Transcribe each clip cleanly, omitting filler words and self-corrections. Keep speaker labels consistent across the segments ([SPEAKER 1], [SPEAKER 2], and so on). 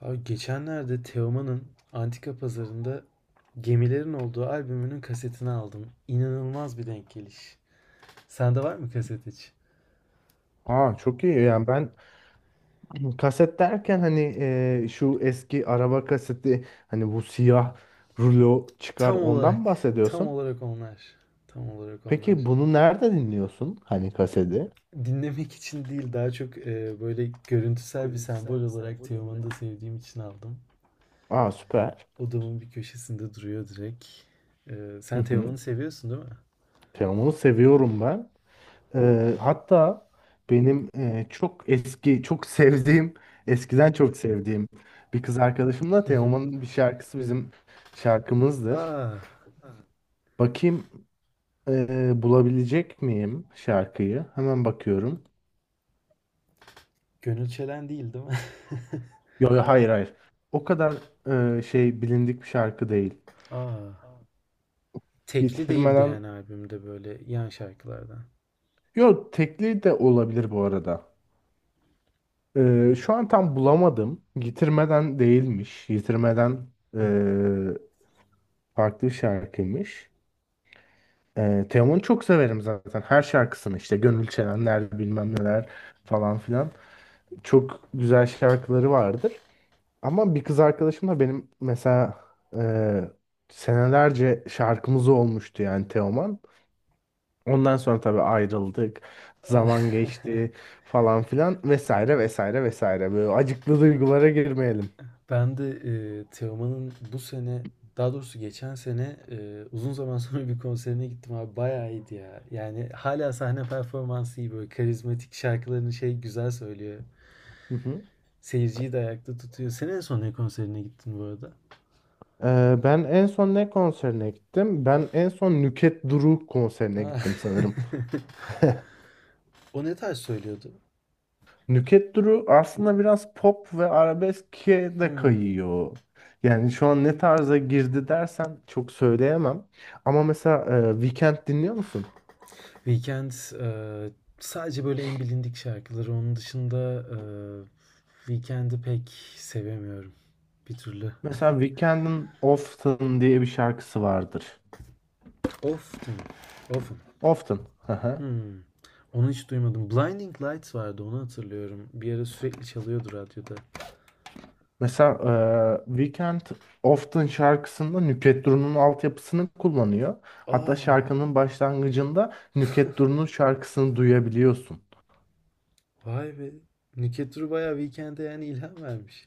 [SPEAKER 1] Abi geçenlerde Teoman'ın Antika Pazarı'nda gemilerin olduğu albümünün kasetini aldım. İnanılmaz bir denk geliş. Sende var mı kaset hiç?
[SPEAKER 2] Aa, çok iyi yani ben kaset derken hani şu eski araba kaseti hani bu siyah rulo çıkar,
[SPEAKER 1] Tam
[SPEAKER 2] ondan
[SPEAKER 1] olarak,
[SPEAKER 2] mı
[SPEAKER 1] tam
[SPEAKER 2] bahsediyorsun?
[SPEAKER 1] olarak onlar. Tam olarak
[SPEAKER 2] Peki
[SPEAKER 1] onlar.
[SPEAKER 2] bunu nerede dinliyorsun, hani kaseti?
[SPEAKER 1] Dinlemek için değil, daha çok böyle görüntüsel bir
[SPEAKER 2] Görüntüleri.
[SPEAKER 1] sembol olarak Teoman'ı da sevdiğim için aldım.
[SPEAKER 2] Aa, süper.
[SPEAKER 1] Odamın bir köşesinde duruyor direkt.
[SPEAKER 2] Hı
[SPEAKER 1] Sen
[SPEAKER 2] hı.
[SPEAKER 1] Teoman'ı seviyorsun, değil mi?
[SPEAKER 2] Teoman'ı seviyorum ben. Hatta benim çok eski, çok sevdiğim, eskiden çok sevdiğim bir kız arkadaşımla
[SPEAKER 1] Hı hı.
[SPEAKER 2] Teoman'ın bir şarkısı bizim şarkımızdır.
[SPEAKER 1] Aa,
[SPEAKER 2] Bakayım. Bulabilecek miyim şarkıyı? Hemen bakıyorum.
[SPEAKER 1] Gönül Çelen değil, değil mi?
[SPEAKER 2] Yo, yo, hayır, hayır. O kadar şey, bilindik bir şarkı değil.
[SPEAKER 1] Aa.
[SPEAKER 2] Aa,
[SPEAKER 1] Tekli değildi
[SPEAKER 2] getirmeden...
[SPEAKER 1] yani, albümde böyle yan şarkılardan.
[SPEAKER 2] Yo, tekli de olabilir bu arada. Şu an tam bulamadım. Getirmeden değilmiş. Getirmeden
[SPEAKER 1] Hmm.
[SPEAKER 2] e, farklı bir şarkıymış. Teoman'ı çok severim zaten. Her şarkısını, işte Gönül Çelenler, bilmem neler falan filan. Çok güzel şarkıları vardır. Ama bir kız arkadaşım da benim mesela senelerce şarkımız olmuştu yani Teoman. Ondan sonra tabii ayrıldık.
[SPEAKER 1] Ah,
[SPEAKER 2] Zaman geçti falan filan, vesaire, vesaire, vesaire. Böyle acıklı duygulara girmeyelim.
[SPEAKER 1] Ben de Teoman'ın bu sene, daha doğrusu geçen sene, uzun zaman sonra bir konserine gittim abi, bayağı iyiydi ya. Yani hala sahne performansı iyi, böyle karizmatik şarkılarını güzel söylüyor.
[SPEAKER 2] Hı hı.
[SPEAKER 1] Seyirciyi de ayakta tutuyor. Senin en son ne konserine gittin bu arada?
[SPEAKER 2] Ben en son ne konserine gittim? Ben en son Nüket Duru konserine
[SPEAKER 1] Ah.
[SPEAKER 2] gittim sanırım.
[SPEAKER 1] O ne tarz söylüyordu?
[SPEAKER 2] Nüket Duru aslında biraz pop ve arabeske de
[SPEAKER 1] Hmm.
[SPEAKER 2] kayıyor. Yani şu an ne tarza girdi dersen çok söyleyemem. Ama mesela, Weekend dinliyor musun?
[SPEAKER 1] Weekend eee, sadece böyle en bilindik şarkıları. Onun dışında Weekend'i pek sevemiyorum bir türlü.
[SPEAKER 2] Mesela Weekend'in Often diye bir şarkısı vardır.
[SPEAKER 1] Often, often.
[SPEAKER 2] Often.
[SPEAKER 1] Hmm. Onu hiç duymadım. Blinding Lights vardı, onu hatırlıyorum. Bir ara sürekli çalıyordu radyoda.
[SPEAKER 2] Mesela Weekend, Often şarkısında Nükhet Duru'nun altyapısını kullanıyor. Hatta
[SPEAKER 1] Aa,
[SPEAKER 2] şarkının başlangıcında Nükhet Duru'nun şarkısını duyabiliyorsun.
[SPEAKER 1] vay be. Nükhet Duru bayağı Weekend'e yani ilham vermiş.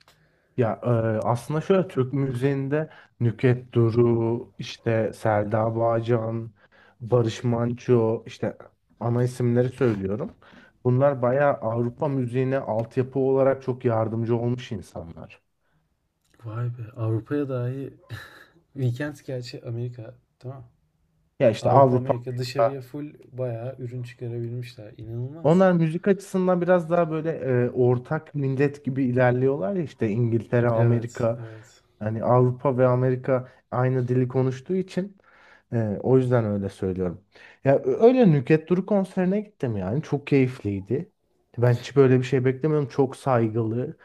[SPEAKER 2] Ya aslında şöyle, Türk müziğinde Nükhet Duru, işte Selda Bağcan, Barış Manço, işte ana isimleri söylüyorum. Bunlar bayağı Avrupa müziğine altyapı olarak çok yardımcı olmuş insanlar.
[SPEAKER 1] Vay be. Avrupa'ya dahi Weekend gerçi, Amerika tamam.
[SPEAKER 2] Ya işte
[SPEAKER 1] Avrupa
[SPEAKER 2] Avrupa...
[SPEAKER 1] Amerika, dışarıya full bayağı ürün çıkarabilmişler. İnanılmaz.
[SPEAKER 2] Onlar müzik açısından biraz daha böyle ortak millet gibi ilerliyorlar ya, işte İngiltere,
[SPEAKER 1] Evet,
[SPEAKER 2] Amerika,
[SPEAKER 1] evet.
[SPEAKER 2] hani Avrupa ve Amerika aynı dili konuştuğu için o yüzden öyle söylüyorum. Ya öyle, Nükhet Duru konserine gittim yani, çok keyifliydi. Ben hiç böyle bir şey beklemiyordum. Çok saygılı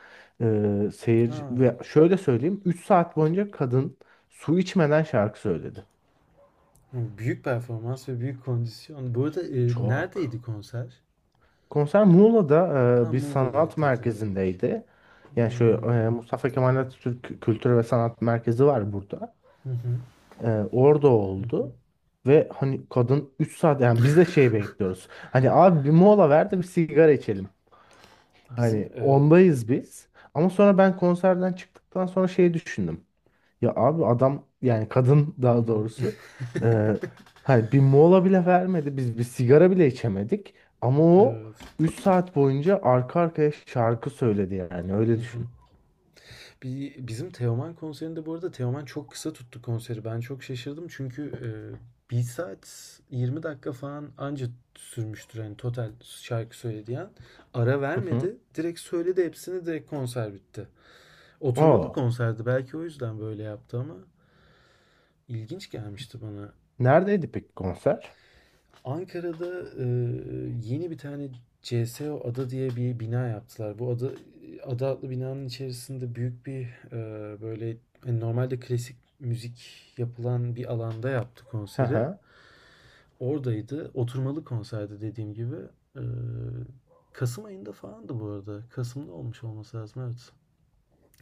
[SPEAKER 1] Ha,
[SPEAKER 2] seyirci, ve şöyle söyleyeyim, 3 saat boyunca kadın su içmeden şarkı söyledi.
[SPEAKER 1] hı, büyük performans ve büyük kondisyon. Bu arada
[SPEAKER 2] Çok.
[SPEAKER 1] neredeydi konser?
[SPEAKER 2] Konser Muğla'da,
[SPEAKER 1] Ha,
[SPEAKER 2] bir sanat
[SPEAKER 1] Muğla'daydı direkt.
[SPEAKER 2] merkezindeydi. Yani şu
[SPEAKER 1] Hmm.
[SPEAKER 2] Mustafa Kemal Atatürk Kültür ve Sanat Merkezi var burada.
[SPEAKER 1] Hı hı,
[SPEAKER 2] E, Orada
[SPEAKER 1] hı hı.
[SPEAKER 2] oldu. Ve hani, kadın 3 saat, yani biz de şey bekliyoruz. Hani abi, bir mola ver de bir sigara içelim.
[SPEAKER 1] Bizim
[SPEAKER 2] Hani ondayız biz. Ama sonra ben konserden çıktıktan sonra şey düşündüm. Ya abi, adam, yani kadın
[SPEAKER 1] hı
[SPEAKER 2] daha
[SPEAKER 1] hı,
[SPEAKER 2] doğrusu, e, hani bir mola bile vermedi. Biz bir sigara bile içemedik. Ama o
[SPEAKER 1] evet.
[SPEAKER 2] 3 saat boyunca arka arkaya şarkı söyledi yani, öyle
[SPEAKER 1] Hı hı.
[SPEAKER 2] düşün.
[SPEAKER 1] Bizim Teoman konserinde, bu arada, Teoman çok kısa tuttu konseri. Ben çok şaşırdım çünkü 1 saat 20 dakika falan anca sürmüştür, hani total şarkı söylediği an. Ara
[SPEAKER 2] Hı hı.
[SPEAKER 1] vermedi. Direkt söyledi hepsini, direkt konser bitti. Oturmalı
[SPEAKER 2] Oo.
[SPEAKER 1] konserdi. Belki o yüzden böyle yaptı ama ilginç gelmişti bana.
[SPEAKER 2] Neredeydi peki konser?
[SPEAKER 1] Ankara'da yeni bir tane CSO Ada diye bir bina yaptılar. Bu ada adlı binanın içerisinde büyük bir böyle, hani normalde klasik müzik yapılan bir alanda yaptı
[SPEAKER 2] Hı
[SPEAKER 1] konseri.
[SPEAKER 2] hı.
[SPEAKER 1] Oradaydı. Oturmalı konserdi dediğim gibi. E, Kasım ayında falandı bu arada. Kasım'da olmuş olması lazım, evet.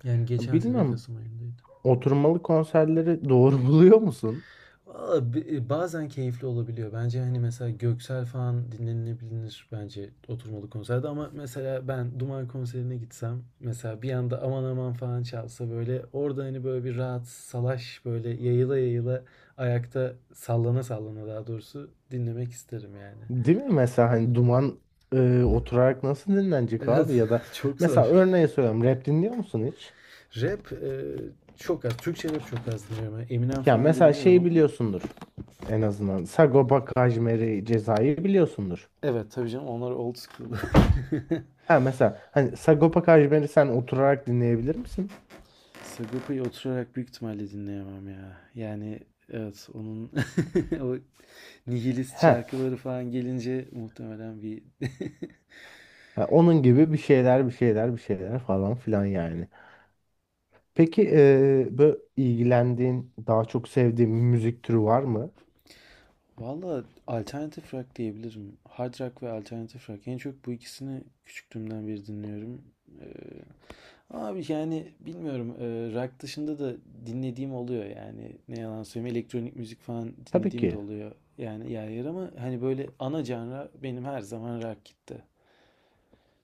[SPEAKER 1] Yani geçen sene
[SPEAKER 2] Bilmiyorum.
[SPEAKER 1] Kasım ayındaydı.
[SPEAKER 2] Oturmalı konserleri doğru buluyor musun?
[SPEAKER 1] Valla bazen keyifli olabiliyor. Bence hani mesela Göksel falan dinlenilebilir bence oturmalı konserde, ama mesela ben Duman konserine gitsem, mesela bir anda aman aman falan çalsa, böyle orada hani böyle bir rahat salaş, böyle yayıla yayıla, ayakta sallana sallana, daha doğrusu dinlemek isterim yani.
[SPEAKER 2] Değil mi? Mesela hani duman oturarak nasıl dinlenecek
[SPEAKER 1] Evet,
[SPEAKER 2] abi, ya da
[SPEAKER 1] çok zor.
[SPEAKER 2] mesela örneğe söylüyorum, rap dinliyor musun hiç?
[SPEAKER 1] Rap çok az. Türkçe rap çok az dinliyorum. Yani Eminem
[SPEAKER 2] Ya
[SPEAKER 1] falan
[SPEAKER 2] mesela
[SPEAKER 1] dinliyorum
[SPEAKER 2] şeyi
[SPEAKER 1] ama
[SPEAKER 2] biliyorsundur, en azından Sagopa Kajmer'i, Ceza'yı biliyorsundur.
[SPEAKER 1] evet, tabii canım, onlar old school.
[SPEAKER 2] Ha, mesela hani Sagopa Kajmer'i sen oturarak dinleyebilir misin?
[SPEAKER 1] Sagopa'yı oturarak büyük ihtimalle dinleyemem ya. Yani evet, onun o nihilist
[SPEAKER 2] Ha,
[SPEAKER 1] şarkıları falan gelince muhtemelen bir...
[SPEAKER 2] ha, onun gibi bir şeyler, bir şeyler, bir şeyler falan filan yani. Peki, böyle ilgilendiğin, daha çok sevdiğin bir müzik türü var mı?
[SPEAKER 1] Valla alternatif rock diyebilirim. Hard rock ve alternatif rock. En çok bu ikisini küçüklüğümden beri dinliyorum. Ee, Abi yani bilmiyorum. Rock dışında da dinlediğim oluyor yani. Ne yalan söyleyeyim. Elektronik müzik falan
[SPEAKER 2] Tabii
[SPEAKER 1] dinlediğim de
[SPEAKER 2] ki.
[SPEAKER 1] oluyor. Yani yer yer, ama hani böyle ana canra benim her zaman rock gitti.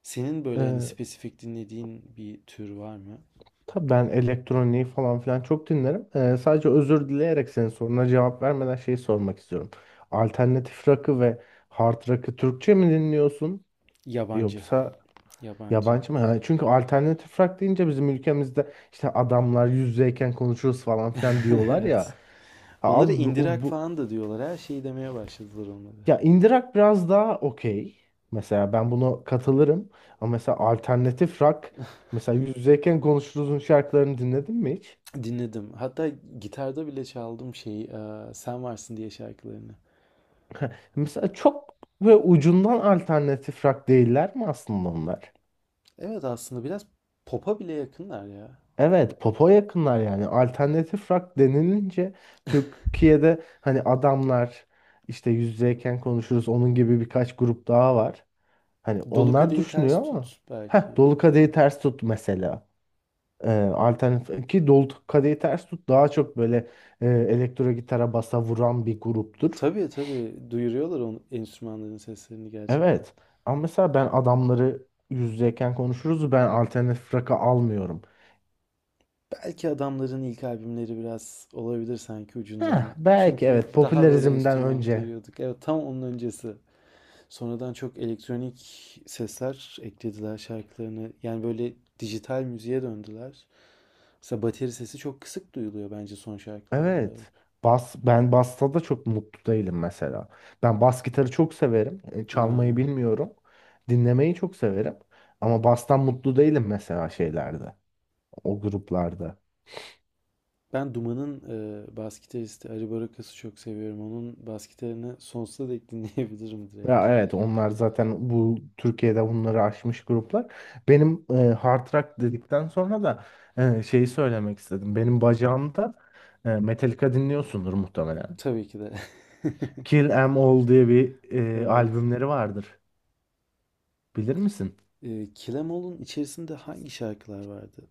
[SPEAKER 1] Senin böyle hani spesifik dinlediğin bir tür var mı?
[SPEAKER 2] Tabii ben elektroniği falan filan çok dinlerim. Sadece özür dileyerek, senin soruna cevap vermeden şeyi sormak istiyorum. Alternatif rock'ı ve hard rock'ı Türkçe mi dinliyorsun,
[SPEAKER 1] Yabancı.
[SPEAKER 2] yoksa
[SPEAKER 1] Yabancı.
[SPEAKER 2] yabancı mı? Yani çünkü alternatif rock deyince bizim ülkemizde işte adamlar yüz yüzeyken konuşuruz falan filan diyorlar ya.
[SPEAKER 1] Evet.
[SPEAKER 2] Ha
[SPEAKER 1] Onları
[SPEAKER 2] abi, bu, o-
[SPEAKER 1] indirak
[SPEAKER 2] bu
[SPEAKER 1] falan da diyorlar. Her şeyi demeye başladılar onlara.
[SPEAKER 2] ya, indie rock biraz daha okey. Mesela ben buna katılırım. Ama mesela alternatif rock, mesela yüz yüzeyken konuşuruzun şarkılarını dinledin mi hiç?
[SPEAKER 1] Dinledim. Hatta gitarda bile çaldım Sen Varsın diye, şarkılarını.
[SPEAKER 2] Mesela çok ve ucundan alternatif rock değiller mi aslında onlar?
[SPEAKER 1] Evet aslında biraz pop'a bile yakınlar ya.
[SPEAKER 2] Evet, popa yakınlar yani. Alternatif rock denilince Türkiye'de hani adamlar, işte yüz yüzeyken konuşuruz, onun gibi birkaç grup daha var. Hani
[SPEAKER 1] Dolu
[SPEAKER 2] onlar
[SPEAKER 1] Kadehi Ters
[SPEAKER 2] düşünüyor ama,
[SPEAKER 1] Tut
[SPEAKER 2] heh,
[SPEAKER 1] belki.
[SPEAKER 2] Dolu Kadehi
[SPEAKER 1] Evet.
[SPEAKER 2] Ters Tut mesela. Alternatif ki, Dolu Kadehi Ters Tut daha çok böyle elektro gitara basa vuran bir gruptur.
[SPEAKER 1] Tabii tabii, duyuruyorlar onun, enstrümanların seslerini gerçekten.
[SPEAKER 2] Evet. Ama mesela ben adamları, yüz yüzeyken konuşuruz, ben alternatif rock'ı almıyorum.
[SPEAKER 1] Belki adamların ilk albümleri biraz olabilir sanki ucundan.
[SPEAKER 2] Heh, belki
[SPEAKER 1] Çünkü
[SPEAKER 2] evet,
[SPEAKER 1] daha böyle
[SPEAKER 2] popülerizmden
[SPEAKER 1] enstrüman
[SPEAKER 2] önce.
[SPEAKER 1] duyuyorduk. Evet, tam onun öncesi. Sonradan çok elektronik sesler eklediler şarkılarına. Yani böyle dijital müziğe döndüler. Mesela bateri sesi çok kısık duyuluyor bence son şarkılarında.
[SPEAKER 2] Evet. Bas, ben basta da çok mutlu değilim mesela. Ben bas gitarı çok severim. Çalmayı
[SPEAKER 1] Aa,
[SPEAKER 2] bilmiyorum. Dinlemeyi çok severim. Ama bastan mutlu değilim mesela şeylerde. O gruplarda.
[SPEAKER 1] ben Duman'ın bas gitaristi Ari Barakas'ı çok seviyorum. Onun bas gitarını sonsuza dek dinleyebilirim direkt.
[SPEAKER 2] Ya evet, onlar zaten bu Türkiye'de bunları aşmış gruplar. Benim hard rock dedikten sonra da şeyi söylemek istedim. Benim bacağımda Metallica dinliyorsundur muhtemelen.
[SPEAKER 1] Tabii ki de.
[SPEAKER 2] Kill 'Em All diye bir
[SPEAKER 1] Evet.
[SPEAKER 2] albümleri vardır. Bilir misin?
[SPEAKER 1] Kilemol'un içerisinde hangi şarkılar vardı?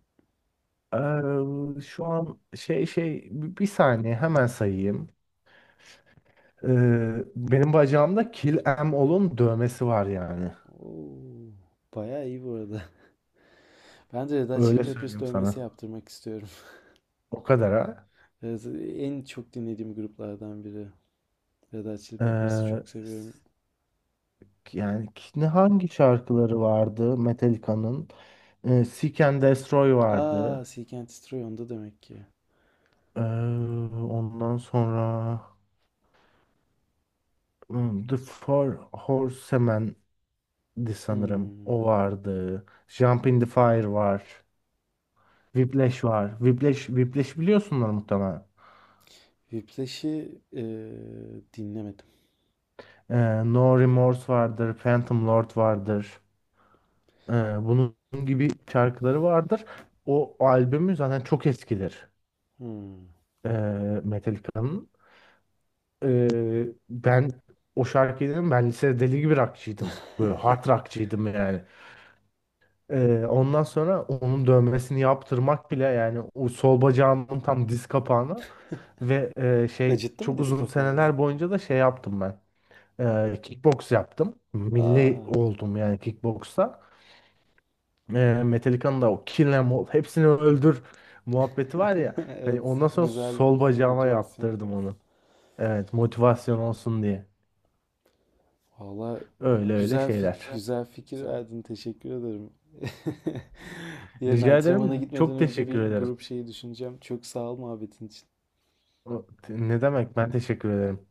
[SPEAKER 2] Eee, Şu an bir saniye, hemen sayayım. Benim bacağımda Kill 'Em All'un dövmesi var yani.
[SPEAKER 1] Oo, bayağı iyi bu arada. Ben de Red Hot Chili
[SPEAKER 2] Öyle
[SPEAKER 1] Peppers
[SPEAKER 2] söyleyeyim
[SPEAKER 1] dövmesi
[SPEAKER 2] sana.
[SPEAKER 1] yaptırmak istiyorum.
[SPEAKER 2] O kadar ha.
[SPEAKER 1] Evet, en çok dinlediğim gruplardan biri. Red Hot Chili
[SPEAKER 2] E,
[SPEAKER 1] Peppers'ı çok seviyorum.
[SPEAKER 2] Yani ne, hangi şarkıları vardı Metallica'nın? Seek and Destroy
[SPEAKER 1] Aa,
[SPEAKER 2] vardı.
[SPEAKER 1] Seek and Destroy onda demek ki.
[SPEAKER 2] Ee, Ondan sonra, The Four Horsemen'di sanırım.
[SPEAKER 1] Hmm.
[SPEAKER 2] O vardı. Jump in the Fire var. Whiplash var. Whiplash biliyorsunlar muhtemelen.
[SPEAKER 1] Whiplash'i dinlemedim.
[SPEAKER 2] No Remorse vardır. Phantom Lord vardır. Ee, Bunun gibi şarkıları vardır. O albümü zaten çok eskidir.
[SPEAKER 1] Hmm.
[SPEAKER 2] Ee, Metallica'nın. Ben o şarkıyı dedim, ben lisede deli gibi rockçıydım. Böyle hard rockçıydım yani. Ondan sonra onun dövmesini yaptırmak bile, yani o sol bacağımın tam diz kapağına, ve şey,
[SPEAKER 1] Acıttı mı
[SPEAKER 2] çok
[SPEAKER 1] diz
[SPEAKER 2] uzun
[SPEAKER 1] kapağı bu
[SPEAKER 2] seneler
[SPEAKER 1] arada?
[SPEAKER 2] boyunca da şey yaptım ben. Kickbox yaptım.
[SPEAKER 1] Aa.
[SPEAKER 2] Milli oldum yani kickboxta. Metallica'nın da o Kill 'Em All, hepsini öldür muhabbeti var ya. Hani
[SPEAKER 1] Evet,
[SPEAKER 2] ondan sonra
[SPEAKER 1] güzel
[SPEAKER 2] sol bacağıma
[SPEAKER 1] motivasyon.
[SPEAKER 2] yaptırdım onu. Evet, motivasyon olsun diye.
[SPEAKER 1] Valla
[SPEAKER 2] Öyle öyle şeyler.
[SPEAKER 1] güzel fikir verdin. Teşekkür ederim. Yarın
[SPEAKER 2] Rica
[SPEAKER 1] antrenmana
[SPEAKER 2] ederim.
[SPEAKER 1] gitmeden
[SPEAKER 2] Çok
[SPEAKER 1] önce
[SPEAKER 2] teşekkür
[SPEAKER 1] bir
[SPEAKER 2] ederim.
[SPEAKER 1] grup şeyi düşüneceğim. Çok sağ ol muhabbetin için.
[SPEAKER 2] Ne demek? Ben teşekkür ederim.